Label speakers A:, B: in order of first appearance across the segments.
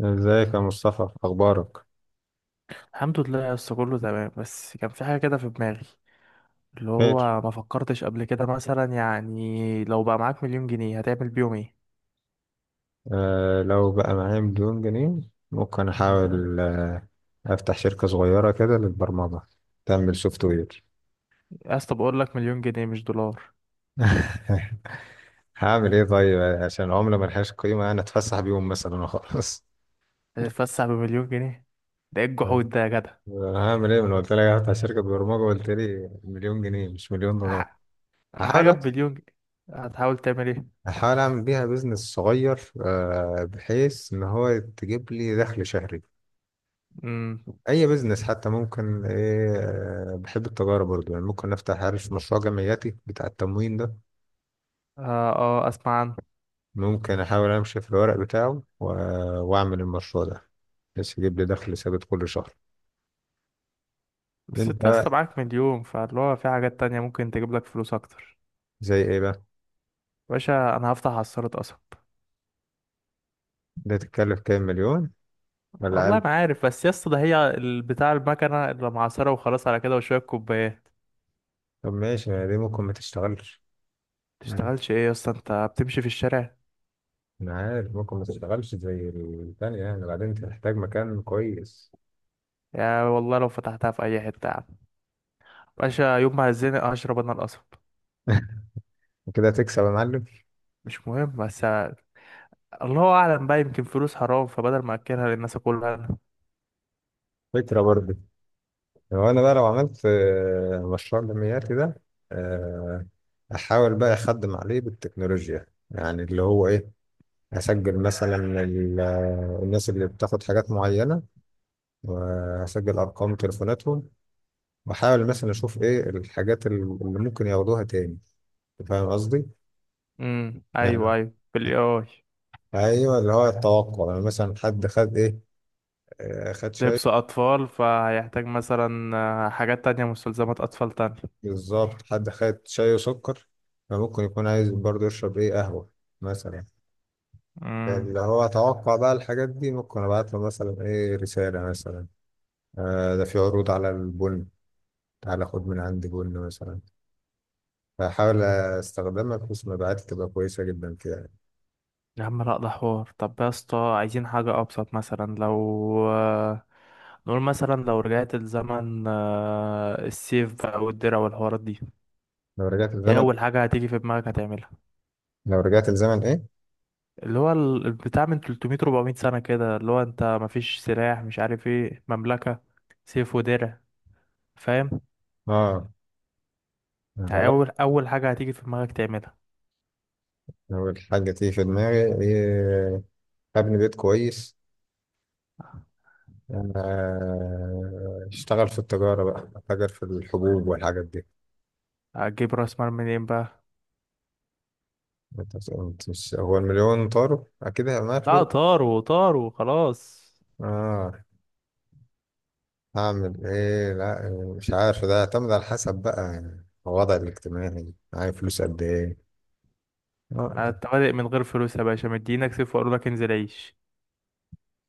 A: ازيك يا مصطفى، اخبارك؟
B: الحمد لله يا اسطى، كله تمام. بس كان في حاجه كده في دماغي اللي
A: خير.
B: هو ما فكرتش قبل كده، مثلا يعني لو بقى معاك مليون جنيه هتعمل بيهم ايه؟
A: آه، لو بقى معايا مليون جنيه ممكن
B: مم.
A: احاول افتح شركة صغيرة كده للبرمجة. تعمل سوفت وير.
B: يا اسطى بقول لك مليون جنيه مش دولار.
A: هعمل ايه طيب؟ عشان العملة ملهاش قيمة انا اتفسح بيهم مثلا وخلاص.
B: هتتفسح بمليون جنيه؟ ده ايه الجحود ده يا جدع؟
A: هعمل ايه؟ من قلت لك هفتح شركة برمجة قلت لي مليون جنيه مش مليون دولار.
B: ح-
A: هحاول.
B: حاجه بمليون جنيه، هتحاول تعمل ايه؟
A: هحاول اعمل بيها بيزنس صغير، بحيث ان هو تجيب لي دخل شهري.
B: امم
A: اي بزنس حتى، ممكن ايه، بحب التجاره برضو، يعني ممكن افتح، عارف، مشروع جمعياتي بتاع التموين ده.
B: اه اه اسمع عنه.
A: ممكن احاول امشي في الورق بتاعه واعمل المشروع ده، بس يجيب لي دخل ثابت كل شهر.
B: بس
A: انت
B: انت يا اسطى
A: بقى؟
B: معاك مليون، فاللي هو في حاجات تانية ممكن تجيب لك فلوس اكتر.
A: زي ايه بقى؟
B: باشا انا هفتح عصارة قصب.
A: ده تتكلف كام مليون؟ ولا
B: والله
A: اقل؟
B: ما عارف، بس يا اسطى ده هي بتاع المكنه اللي معصره وخلاص على كده وشويه كوبايات.
A: طب ماشي، ما دي ممكن ما تشتغلش. مم.
B: تشتغلش ايه يا اسطى؟ انت بتمشي في الشارع.
A: انا عارف ممكن ما تشتغلش زي الثانيه، يعني بعدين تحتاج مكان كويس.
B: يا والله لو فتحتها في اي حته يا عم باشا، يوم ما هزني اشرب انا القصب.
A: وكده هتكسب يا معلم.
B: مش مهم بس. الله اعلم بقى، يمكن فلوس حرام، فبدل ما اكلها للناس اكلها انا.
A: فكره برضو. هو انا بقى لو عملت مشروع جمعياتي ده، آه، احاول بقى اخدم عليه بالتكنولوجيا، يعني اللي هو ايه. هسجل مثلا الناس اللي بتاخد حاجات معينة، وهسجل ارقام تليفوناتهم، واحاول مثلا اشوف ايه الحاجات اللي ممكن ياخدوها تاني. فاهم قصدي؟
B: ايوه
A: يعني
B: ايوه بالاي اي.
A: ايوه، اللي هو التوقع. يعني مثلا حد خد ايه، خد شاي.
B: لبس اطفال فهيحتاج مثلا حاجات تانية، مستلزمات اطفال تانية.
A: بالظبط، حد خد شاي وسكر، فممكن يكون عايز برضه يشرب ايه، قهوة مثلا.
B: امم
A: اللي هو اتوقع بقى الحاجات دي، ممكن ابعت له مثلا ايه، رسالة مثلا. ده في عروض على البن، تعالى خد من عندي بن مثلا. فاحاول استخدمها بحيث مبيعاتي تبقى كويسة جدا كده، يعني.
B: يا عم لا، ده حوار. طب يا اسطى عايزين حاجة أبسط، مثلا لو نقول مثلا لو رجعت الزمن السيف بقى والدرع والحوارات دي،
A: لو رجعت
B: ايه
A: الزمن.
B: اول حاجه هتيجي في دماغك هتعملها؟
A: لو رجعت الزمن ايه؟
B: اللي هو البتاع من 300 400 سنه كده، اللي هو انت مفيش سلاح، مش عارف ايه مملكه. سيف ودرع. فاهم؟
A: اه،
B: يعني
A: غلط.
B: اول حاجه هتيجي في دماغك تعملها.
A: لو الحاجة تيجي في دماغي ايه؟ ابني بيت كويس. اشتغل في التجارة بقى، اتاجر في الحبوب والحاجات دي.
B: هتجيب راس مال منين بقى؟
A: انت- انت مش- هو المليون طاروا؟ اكيد هيبقى معايا
B: لا
A: فلوس.
B: طاروا، طاروا خلاص.
A: اه. هعمل ايه؟ لا، مش عارف، ده يعتمد على حسب بقى، يعني الوضع الاجتماعي معايا فلوس قد ايه. اه.
B: انت بادئ من غير فلوس يا باشا، مدينك سيف وقالوا لك انزل عيش.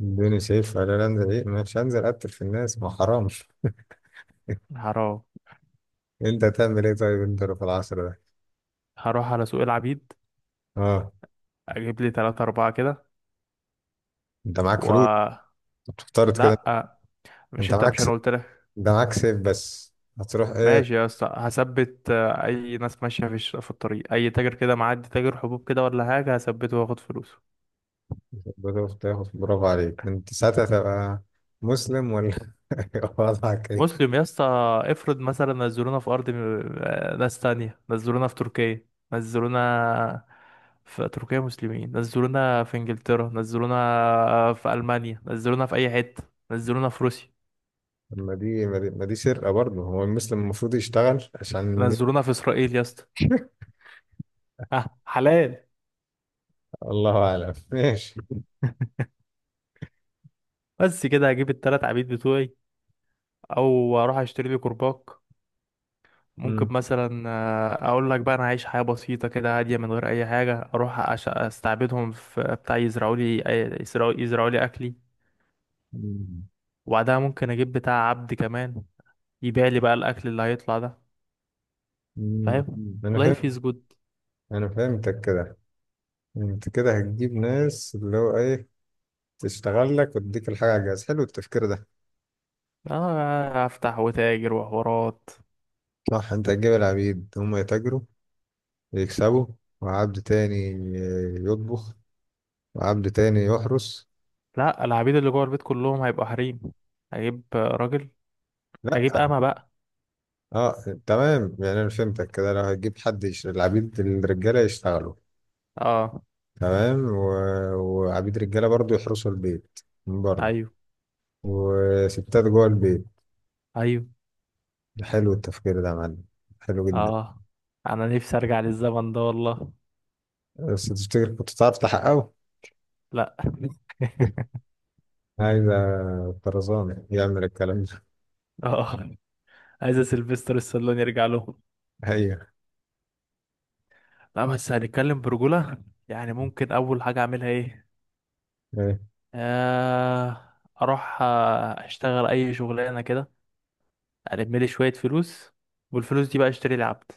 A: الدنيا شايف، انا لا انزل ايه، مش هنزل اقتل في الناس، ما حرامش.
B: حرام.
A: انت هتعمل ايه طيب، انت لو في العصر ده؟
B: هروح على سوق العبيد،
A: اه.
B: اجيب لي 3 4 كده
A: انت معاك
B: و...
A: فلوس؟ بتفترض كده؟
B: لا،
A: انت معاك
B: مش
A: س...
B: انا قلت لك؟
A: انت معاك سيف بس، هتروح ايه؟
B: ماشي يا اسطى، هثبت اي ناس ماشيه في الطريق، اي تاجر كده معدي، تاجر حبوب كده ولا حاجه، هثبته واخد فلوسه.
A: بتروح تاخد، برافو عليك انت ساعتها. تبقى مسلم ولا وضعك ايه؟
B: مسلم يا اسطى. افرض مثلا نزلونا في ارض ناس تانية نزلونا في تركيا، نزلونا في تركيا مسلمين، نزلونا في انجلترا، نزلونا في المانيا، نزلونا في اي حته، نزلونا في روسيا،
A: ما دي ما دي ما دي سرقة برضه، هو المسلم المفروض يشتغل عشان.
B: نزلونا في اسرائيل يا اسطى، ها حلال؟
A: الله اعلم ماشي.
B: بس كده هجيب التلات عبيد بتوعي او اروح اشتري لي كرباج. ممكن
A: مم.
B: مثلا اقول لك بقى انا عايش حياه بسيطه كده هاديه من غير اي حاجه، اروح استعبدهم في بتاع يزرعوا لي يزرعوا لي اكلي.
A: مم.
B: وبعدها ممكن اجيب بتاع عبد كمان يبيع لي بقى الاكل اللي هيطلع ده.
A: مم.
B: فاهم؟
A: انا
B: لايف
A: فهمت.
B: از جود.
A: انا فهمتك كده. انت كده هتجيب ناس اللي هو ايه، تشتغل لك وتديك الحاجه على الجهاز. حلو التفكير ده.
B: اه افتح وتاجر وحوارات.
A: صح، انت هتجيب العبيد هم يتاجروا، يكسبوا، وعبد تاني يطبخ، وعبد تاني يحرس.
B: لا، العبيد اللي جوه البيت كلهم هيبقوا حريم. هجيب راجل،
A: لا.
B: هجيب امه بقى.
A: اه تمام، يعني انا فهمتك كده، لو هتجيب حد العبيد الرجاله يشتغلوا،
B: اه
A: تمام، وعبيد رجاله برضو يحرسوا البيت من بره،
B: ايوه
A: وستات جوه البيت.
B: ايوه
A: حلو التفكير ده يا معلم. حلو جدا.
B: اه. انا نفسي ارجع للزمن ده والله.
A: بس تفتكر كنت تعرف تحققه؟
B: لا.
A: عايز طرزان يعمل الكلام ده.
B: اه عايز سيلفستر السالون يرجع لهم.
A: ايوه.
B: لا بس هنتكلم برجولة، يعني ممكن أول حاجة أعملها إيه؟
A: ايه؟
B: آه أروح أشتغل أي شغلانة كده، ألم لي شوية فلوس. والفلوس دي بقى أشتري لي عبد.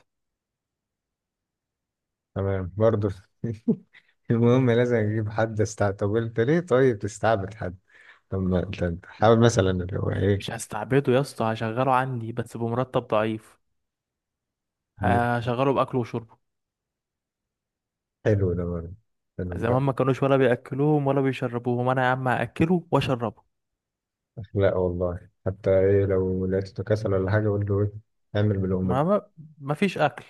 A: تمام برضه. المهم لازم اجيب حد استعبد. طب انت ليه طيب تستعبد حد؟ طب ما أنت- أنت حاول مثلا، اللي هو ايه.
B: مش هستعبده يا اسطى، هشغله عندي بس بمرتب ضعيف.
A: مم.
B: هشغله بأكله وشربه.
A: حلو ده برضه. حلو.
B: زمان ما كانوش ولا بيأكلوهم ولا بيشربوهم، أنا يا عم هأكله وأشربه.
A: اخلاق والله. حتى ايه، لو لقيته كسل ولا حاجه قول له ايه؟ اعمل بالامه.
B: ما ما ما فيش أكل،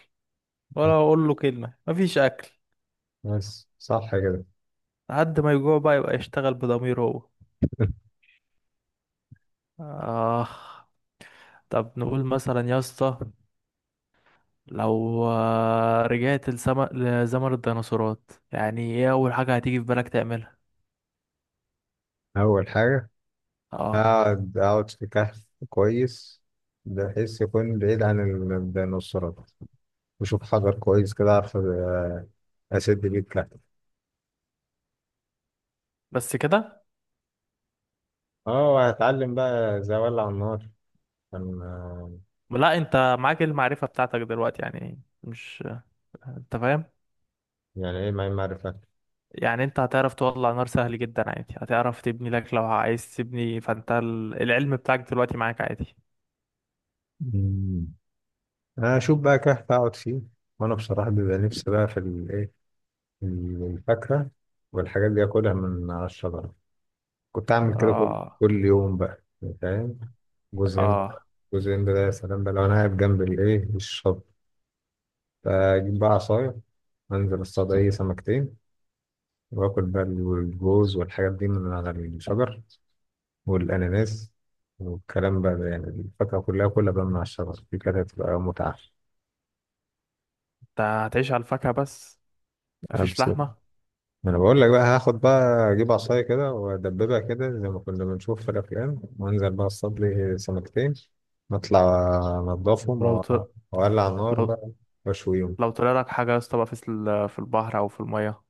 B: ولا أقول له كلمة ما فيش أكل.
A: بس صح كده.
B: لحد ما يجوع بقى يبقى يشتغل بضميره هو. آه طب نقول مثلا يا اسطى، لو رجعت لزمن الديناصورات، يعني ايه اول حاجة هتيجي في بالك تعملها؟
A: اول حاجه،
B: اه
A: أقعد في كهف كويس، بحيث يكون بعيد عن الديناصورات. وأشوف حجر كويس كده أعرف أسد بيه الكهف.
B: بس كده.
A: أه، وهتعلم بقى إزاي أولع النار، عشان
B: لا، انت معاك المعرفة بتاعتك دلوقتي، يعني مش، انت فاهم،
A: يعني إيه، ما معرفة.
B: يعني انت هتعرف تولع نار سهل جدا عادي، هتعرف تبني لك لو عايز تبني، فانت العلم بتاعك دلوقتي معاك عادي.
A: مم. أنا أشوف بقى كهف أقعد فيه. وأنا بصراحة بيبقى نفسي بقى في الإيه، الفاكهة والحاجات دي، أكلها من على الشجرة. كنت أعمل كده كل
B: اه
A: كل يوم بقى. فاهم؟ جوز هند.
B: اه.
A: جوز هند ده يا سلام، بقى لو أنا قاعد جنب الإيه، الشط، فأجيب بقى عصاية، أنزل أصطاد أي سمكتين، وآكل بقى الجوز والحاجات دي من على الشجر، والأناناس، والكلام بقى ده، يعني الفاكهة كلها كلها بقى من على الشجر دي، كانت هتبقى متعة.
B: انت هتعيش على الفاكهة بس؟ مفيش
A: أبس-
B: لحمة؟
A: ما أنا بقول لك بقى هاخد بقى، أجيب عصاية كده وأدببها كده زي ما كنا بنشوف في الأفلام، وأنزل بقى أصطاد لي سمكتين، نطلع أنضفهم
B: ولو ط...
A: وأولع النار
B: لو
A: بقى وأشويهم.
B: لو طلع لك حاجة يا اسطى بقى في في البحر او في المية؟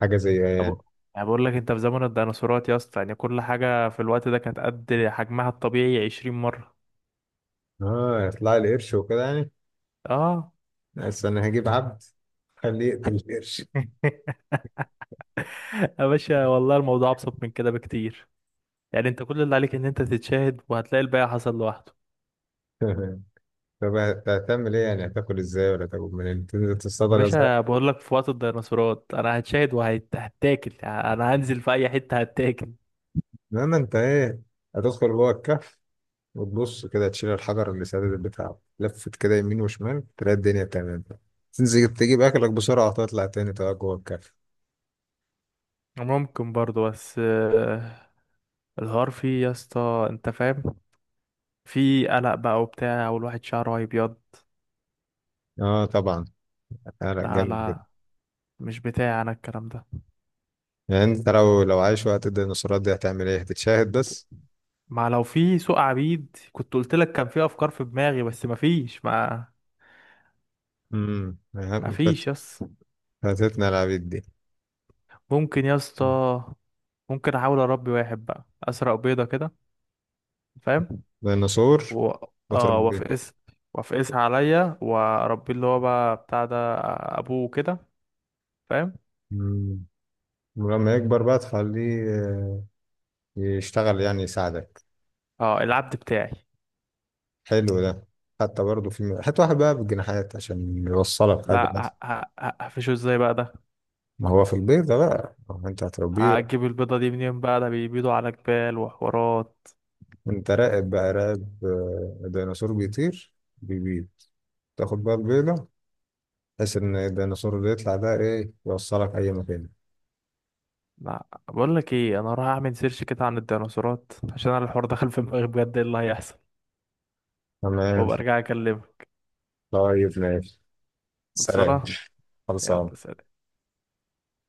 A: حاجة زي
B: أب-
A: يعني؟
B: انا بقول لك انت في زمن الديناصورات يا اسطى، يعني كل حاجه في الوقت ده كانت قد حجمها الطبيعي 20 مره.
A: يطلع لي قرش وكده يعني.
B: اه.
A: بس أنا هجيب عبد خليه يقتل القرش.
B: يا باشا والله الموضوع ابسط من كده بكتير. يعني انت كل اللي عليك ان انت تتشاهد وهتلاقي الباقي حصل لوحده.
A: تمام. طب هتعمل ايه يعني، هتاكل ازاي؟ ولا تاكل منين؟ تنزل تصطاد
B: يا
A: غزال؟
B: باشا بقول لك في وقت الديناصورات انا هتشاهد وهتاكل، انا هنزل في اي حته هتاكل.
A: انما انت ايه، هتدخل جوه الكهف وتبص كده، تشيل الحجر اللي سادد بتاعه، لفت كده يمين وشمال، تلاقي الدنيا تمام. تنزل تجيب اكلك بسرعة وتطلع تاني تقعد جوه الكهف.
B: ممكن برضو بس الحوار فيه يا اسطى، انت فاهم، في قلق بقى وبتاع والواحد شعره هيبيض.
A: اه طبعا، هتعرق
B: لا
A: جامد كده.
B: لا، مش بتاعي انا الكلام ده.
A: يعني انت لو عايش وقت الديناصورات دي هتعمل ايه؟ هتتشاهد بس؟
B: ما لو في سوق عبيد كنت قلت لك كان في افكار في دماغي بس ما فيش، ما
A: امم.
B: ما فيش يس.
A: فاتتنا العبيد دي.
B: ممكن يا اسطى، ممكن احاول اربي واحد بقى، اسرق بيضه كده، فاهم؟
A: ديناصور.
B: و... اه
A: وتربيه.
B: وافقس، وافقسها عليا واربيه اللي هو بقى بتاع ده، ابوه كده، فاهم؟
A: ولما يكبر بقى تخليه يشتغل، يعني يساعدك.
B: اه العبد بتاعي.
A: حلو ده. حتى برضه في حتى واحد بقى بالجناحات، عشان يوصلك حاجة
B: لا
A: بس.
B: هقفشه ازاي بقى ده؟
A: ما هو في البيت ده بقى، ما هو انت هتربيه.
B: هجيب البيضه دي منين بقى؟ ده بيبيضوا على جبال وحوارات.
A: انت راقب بقى راقب. ديناصور بيطير، بيبيض، تاخد بقى البيضة، بحيث ان الديناصور اللي يطلع ده ايه، يوصلك اي مكان.
B: لا، بقول لك ايه، انا هروح اعمل سيرش كده عن الديناصورات، عشان انا الحوار دخل في دماغي بجد ايه اللي هيحصل،
A: تمام
B: وابقى ارجع اكلمه.
A: طيب ماشي. سلام.
B: خلصانه.
A: خلصان.
B: يلا سلام.